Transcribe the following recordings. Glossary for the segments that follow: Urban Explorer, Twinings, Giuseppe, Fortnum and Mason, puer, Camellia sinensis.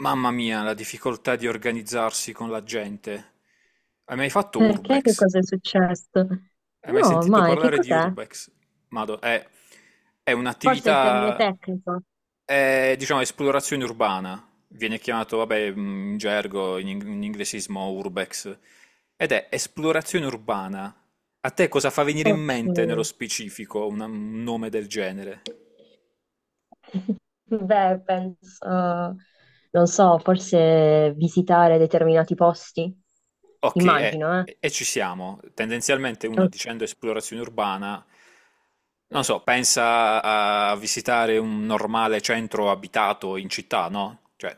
Mamma mia, la difficoltà di organizzarsi con la gente. Hai mai fatto Perché? Che Urbex? cosa è successo? Hai mai No, sentito mai, che parlare di cos'è? Urbex? Mado, è Forse è il termine un'attività, tecnico. è, diciamo, esplorazione urbana. Viene chiamato, vabbè, in gergo, in inglesismo Urbex. Ed è esplorazione urbana. A te cosa fa venire in Ok. mente nello specifico un nome del genere? Beh, penso, non so, forse visitare determinati posti, Ok, immagino, e ci siamo. Tendenzialmente uno Ok. dicendo esplorazione urbana, non so, pensa a visitare un normale centro abitato in città, no? Cioè,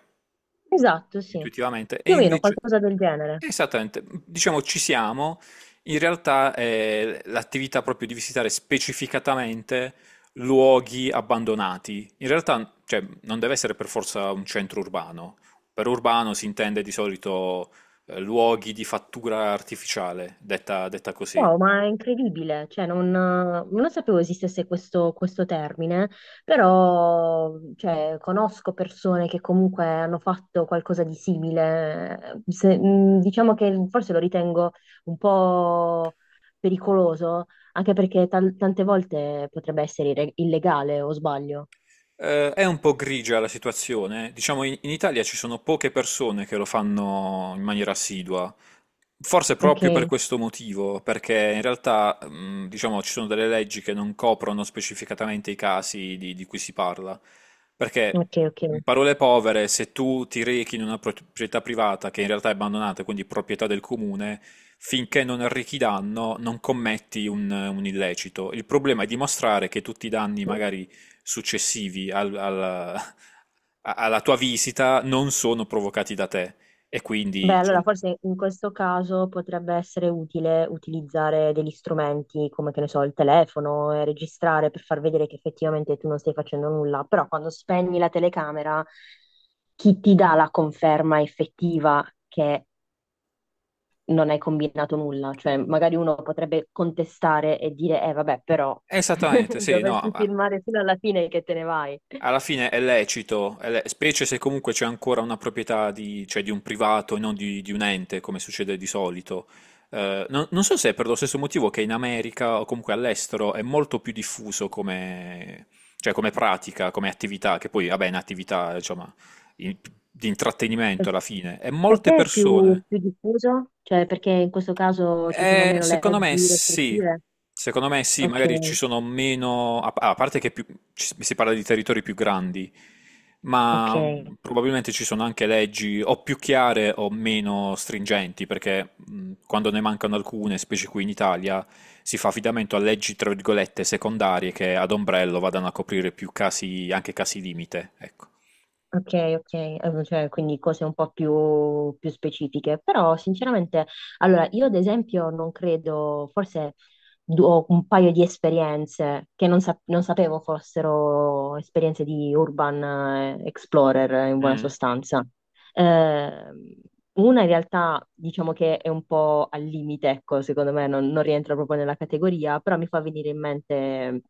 Esatto, sì. intuitivamente. E Più o meno invece, qualcosa del genere. esattamente, diciamo ci siamo, in realtà è l'attività proprio di visitare specificatamente luoghi abbandonati. In realtà, cioè, non deve essere per forza un centro urbano. Per urbano si intende di solito luoghi di fattura artificiale, detta così. Wow, ma è incredibile, cioè non sapevo esistesse questo termine, però cioè, conosco persone che comunque hanno fatto qualcosa di simile. Diciamo che forse lo ritengo un po' pericoloso, anche perché tante volte potrebbe essere illegale, o sbaglio. È un po' grigia la situazione. Diciamo, in Italia ci sono poche persone che lo fanno in maniera assidua. Forse proprio per Ok, questo motivo, perché in realtà, diciamo, ci sono delle leggi che non coprono specificatamente i casi di cui si parla. Perché, ok. in parole povere, se tu ti rechi in una proprietà privata che in realtà è abbandonata, quindi proprietà del comune, finché non arrechi danno, non commetti un illecito. Il problema è dimostrare che tutti i danni magari alla, alla tua visita non sono provocati da te. E Beh, quindi, allora diciamo, forse in questo caso potrebbe essere utile utilizzare degli strumenti come, che ne so, il telefono e registrare per far vedere che effettivamente tu non stai facendo nulla, però quando spegni la telecamera, chi ti dà la conferma effettiva che non hai combinato nulla? Cioè, magari uno potrebbe contestare e dire, eh vabbè, però esattamente, sì, no, dovresti ma filmare fino alla fine che te ne vai. alla fine è lecito, è le- specie se comunque c'è ancora una proprietà di, cioè di un privato e non di, di un ente, come succede di solito. Non, non so se è per lo stesso motivo che in America o comunque all'estero è molto più diffuso come, cioè come pratica, come attività, che poi, vabbè, è un'attività, insomma, in- di intrattenimento alla fine. E Per molte te è persone più diffuso? Cioè, perché in questo caso ci sono eh, meno leggi restrittive? secondo me sì, Ok, magari ci sono meno, a parte che più- ci- si parla di territori più grandi, ma ok, probabilmente ci sono anche leggi o più chiare o meno stringenti, perché quando ne mancano alcune, specie qui in Italia, si fa affidamento a leggi, tra virgolette, secondarie che ad ombrello vadano a coprire più casi, anche casi limite, ecco. ok, ok, cioè, quindi cose un po' più specifiche, però sinceramente, allora io ad esempio non credo, forse ho un paio di esperienze che non sapevo fossero esperienze di urban explorer in buona Mm, sostanza. Eh, una in realtà diciamo che è un po' al limite, ecco, secondo me non rientra proprio nella categoria, però mi fa venire in mente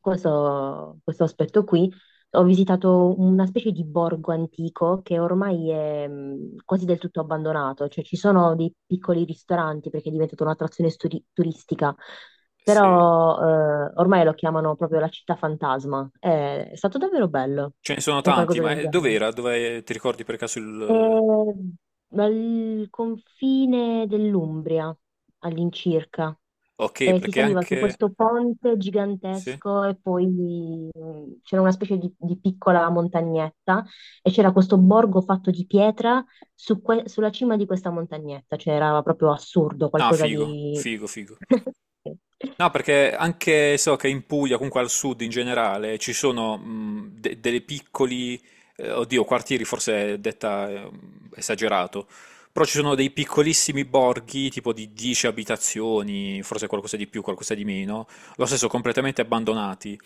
questo aspetto qui. Ho visitato una specie di borgo antico che ormai è quasi del tutto abbandonato, cioè ci sono dei piccoli ristoranti perché è diventata un'attrazione turistica, sì, però ormai lo chiamano proprio la città fantasma. È stato davvero bello, ce ne sono è un tanti, qualcosa ma del genere. dov'era? Dove ti ricordi per caso il... È al confine dell'Umbria all'incirca. ok, E si perché saliva su anche... questo ponte Sì? gigantesco e poi c'era una specie di piccola montagnetta e c'era questo borgo fatto di pietra su sulla cima di questa montagnetta, cioè era proprio assurdo, No, qualcosa figo, di... figo, figo. No, perché anche so che in Puglia, comunque al sud in generale, ci sono de- dei piccoli, oddio, quartieri forse è detta esagerato, però ci sono dei piccolissimi borghi, tipo di 10 abitazioni, forse qualcosa di più, qualcosa di meno, lo stesso completamente abbandonati.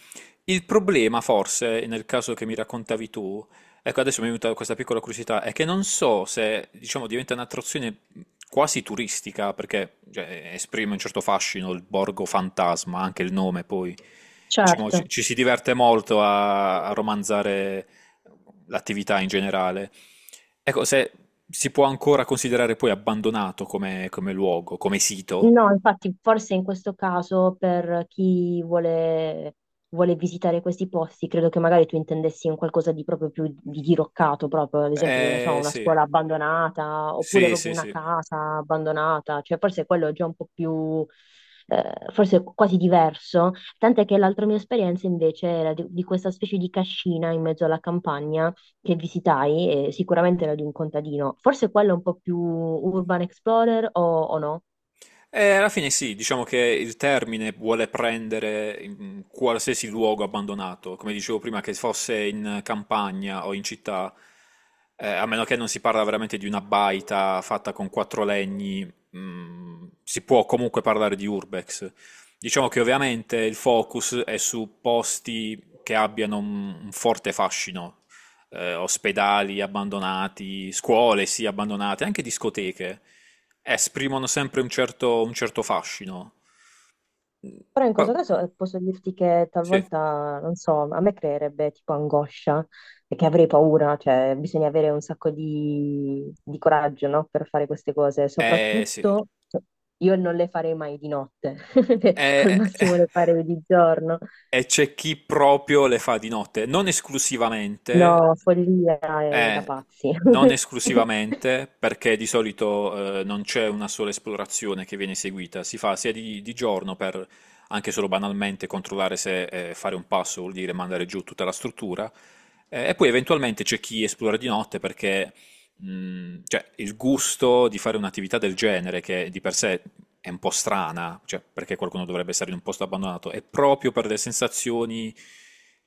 Il problema, forse, nel caso che mi raccontavi tu, ecco, adesso mi è venuta questa piccola curiosità, è che non so se, diciamo, diventa un'attrazione quasi turistica, perché, cioè, esprime un certo fascino il borgo fantasma, anche il nome, poi, diciamo, Certo. Ci si diverte molto a romanzare l'attività in generale. Ecco, se si può ancora considerare poi abbandonato come, come luogo, come sito. No, infatti, forse in questo caso per chi vuole visitare questi posti, credo che magari tu intendessi un qualcosa di proprio più di diroccato, proprio ad esempio, che ne so, una Sì, scuola abbandonata oppure sì, proprio sì, una sì. casa abbandonata, cioè forse quello è già un po' più, forse quasi diverso. Tant'è che l'altra mia esperienza invece era di questa specie di cascina in mezzo alla campagna che visitai, e sicuramente era di un contadino. Forse quello è un po' più urban explorer o no? Alla fine sì, diciamo che il termine vuole prendere in qualsiasi luogo abbandonato, come dicevo prima, che fosse in campagna o in città, a meno che non si parla veramente di una baita fatta con quattro legni, mm, si può comunque parlare di urbex. Diciamo che ovviamente il focus è su posti che abbiano un forte fascino, ospedali abbandonati, scuole sì abbandonate, anche discoteche, esprimono sempre un certo fascino. Mm, Però in questo pa- caso posso dirti che sì, talvolta, non so, a me creerebbe tipo angoscia, perché avrei paura, cioè bisogna avere un sacco di coraggio, no? Per fare queste cose. eh sì. Soprattutto io non le farei mai di notte, al Eh. massimo le farei di giorno. E c'è chi proprio le fa di notte, non esclusivamente, No, follia è da eh, pazzi. non esclusivamente, perché di solito non c'è una sola esplorazione che viene eseguita, si fa sia di giorno per anche solo banalmente controllare se fare un passo vuol dire mandare giù tutta la struttura, e poi eventualmente c'è chi esplora di notte perché cioè, il gusto di fare un'attività del genere, che di per sé è un po' strana, cioè, perché qualcuno dovrebbe stare in un posto abbandonato, è proprio per le sensazioni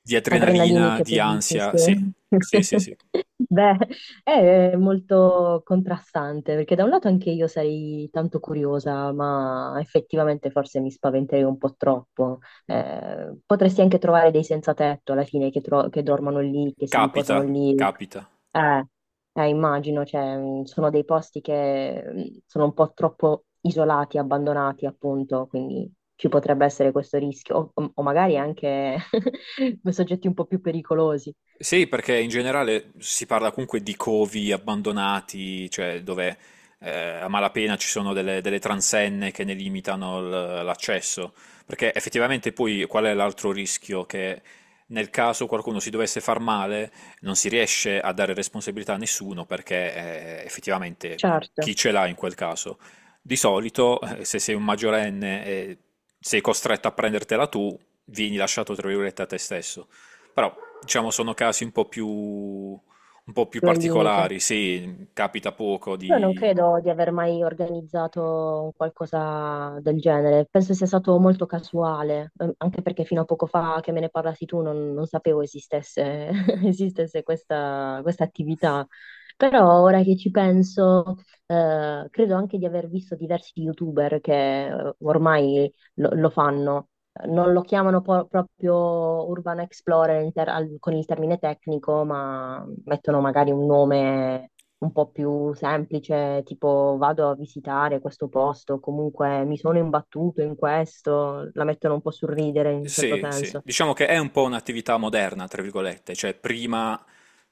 di adrenalina, Adrenaliniche, tu di dici, sì. ansia. Sì, sì, sì, sì. Beh, è molto contrastante, perché da un lato anche io sarei tanto curiosa, ma effettivamente forse mi spaventerei un po' troppo. Potresti anche trovare dei senza tetto alla fine che dormono lì, che si Capita, riposano lì. capita. Eh, Immagino, cioè, sono dei posti che sono un po' troppo isolati, abbandonati, appunto, quindi ci potrebbe essere questo rischio, o magari anche soggetti un po' più pericolosi. Sì, perché in generale si parla comunque di covi abbandonati, cioè dove eh, a malapena ci sono delle, delle transenne che ne limitano l- l'accesso. Perché effettivamente poi qual è l'altro rischio? Che nel caso qualcuno si dovesse far male non si riesce a dare responsabilità a nessuno perché effettivamente Certo, chi ce l'ha in quel caso? Di solito se sei un maggiorenne e sei costretto a prendertela tu, vieni lasciato tra virgolette a te stesso. Però, diciamo, sono casi un po' più più al limite. particolari. Sì, capita poco Io non di, credo di aver mai organizzato un qualcosa del genere, penso sia stato molto casuale, anche perché fino a poco fa che me ne parlassi tu non sapevo esistesse, esistesse questa attività, però ora che ci penso, credo anche di aver visto diversi YouTuber che ormai lo fanno, non lo chiamano proprio Urban Explorer in con il termine tecnico, ma mettono magari un nome un po' più semplice, tipo vado a visitare questo posto, comunque mi sono imbattuto in questo, la mettono un po' sul ridere in un certo sì, sì, senso. diciamo che è un po' un'attività moderna, tra virgolette, cioè prima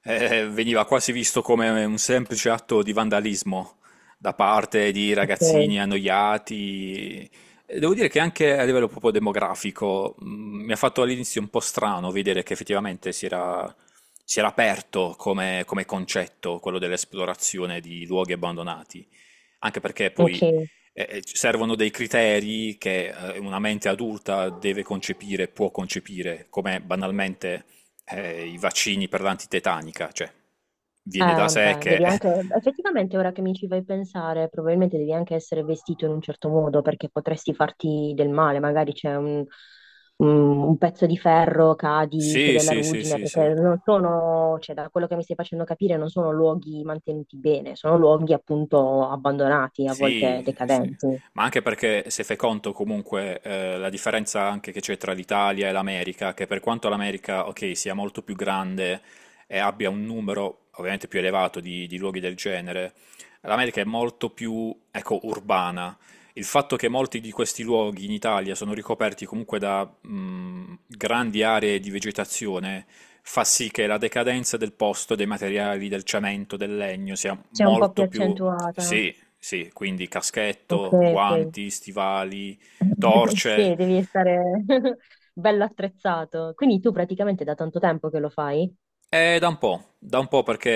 veniva quasi visto come un semplice atto di vandalismo da parte di Ok, ragazzini annoiati. E devo dire che anche a livello proprio demografico mi ha fatto all'inizio un po' strano vedere che effettivamente si era aperto come, come concetto quello dell'esplorazione di luoghi abbandonati. Anche perché ok. poi ci servono dei criteri che una mente adulta deve concepire, può concepire, come banalmente i vaccini per l'antitetanica, cioè viene da sé Vabbè, che... devi anche, effettivamente ora che mi ci fai pensare, probabilmente devi anche essere vestito in un certo modo perché potresti farti del male, magari c'è un, un pezzo di ferro, cadi, c'è Sì, della sì, sì, ruggine, sì, sì. perché non sono, cioè da quello che mi stai facendo capire, non sono luoghi mantenuti bene, sono luoghi appunto abbandonati, a volte Sì, sì. decadenti. Ma anche perché se fai conto comunque la differenza anche che c'è tra l'Italia e l'America, che per quanto l'America, ok, sia molto più grande e abbia un numero ovviamente più elevato di luoghi del genere, l'America è molto più, ecco, urbana. Il fatto che molti di questi luoghi in Italia sono ricoperti comunque da grandi aree di vegetazione fa sì che la decadenza del posto, dei materiali, del cemento, del legno sia C'è un po' più molto più... accentuata. Sì, sì, quindi Ok, caschetto, ok. guanti, stivali, torce. Sì, devi stare bello attrezzato. Quindi tu praticamente da tanto tempo che lo fai? È da un po' perché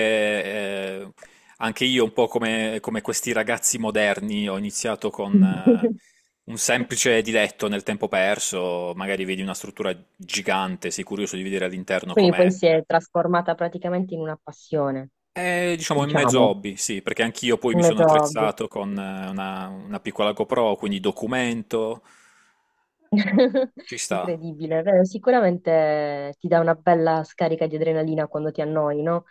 anche io, un po' come, come questi ragazzi moderni, ho iniziato con un semplice diletto nel tempo perso. Magari vedi una struttura gigante, sei curioso di vedere all'interno Quindi poi com'è. si è trasformata praticamente in una passione, È, diciamo, in mezzo diciamo, hobby, sì, perché anch'io poi un mi sono mezzo ovvio. attrezzato con una piccola GoPro, quindi documento, ci sta. Incredibile, vero? Sicuramente ti dà una bella scarica di adrenalina quando ti annoi, no?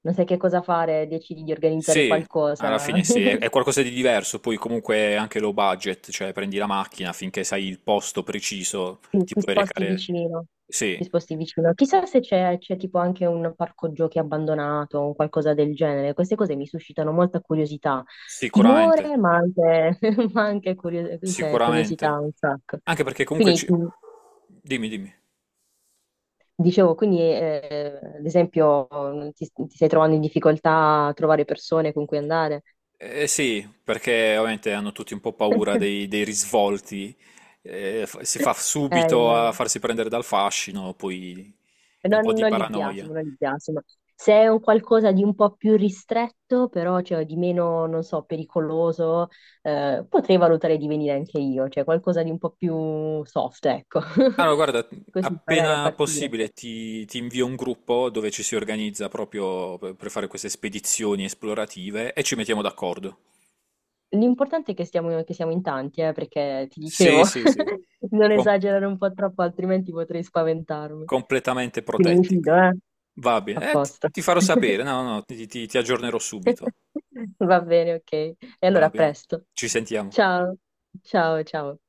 Non sai che cosa fare, decidi di organizzare Sì, alla qualcosa. fine sì, è qualcosa di diverso, poi comunque è anche low budget, cioè prendi la macchina finché sai il posto preciso, Sì, ti ti puoi sposti recare... vicino, Sì, ti sposti vicino. Chissà se c'è tipo anche un parco giochi abbandonato o qualcosa del genere. Queste cose mi suscitano molta curiosità, sicuramente, timore, ma anche, ma anche cioè, curiosità sicuramente. un sacco. Anche perché comunque Quindi ci... Dimmi, dimmi. dicevo, quindi ad esempio ti stai trovando in difficoltà a trovare persone con cui andare? Eh sì, perché ovviamente hanno tutti un po' paura dei, dei risvolti, fa- si fa subito Eh, a farsi prendere dal fascino, poi un po' Non, di non li biasimo, paranoia. non li biasimo. Se è un qualcosa di un po' più ristretto, però cioè, di meno, non so, pericoloso, potrei valutare di venire anche io, cioè qualcosa di un po' più soft, ecco. Allora, guarda, Così magari a appena partire. possibile ti invio un gruppo dove ci si organizza proprio per fare queste spedizioni esplorative e ci mettiamo d'accordo. L'importante è che che siamo in tanti, perché ti dicevo, Sì, sì, sì, non com- esagerare un po' troppo, altrimenti potrei spaventarmi. completamente Quindi mi protetti. fido, eh? Va A bene, eh, posto. ti farò sapere, no, no, ti ti- ti aggiornerò subito. Va bene, ok. E allora Va a bene, presto. ci sentiamo. Ciao, ciao, ciao.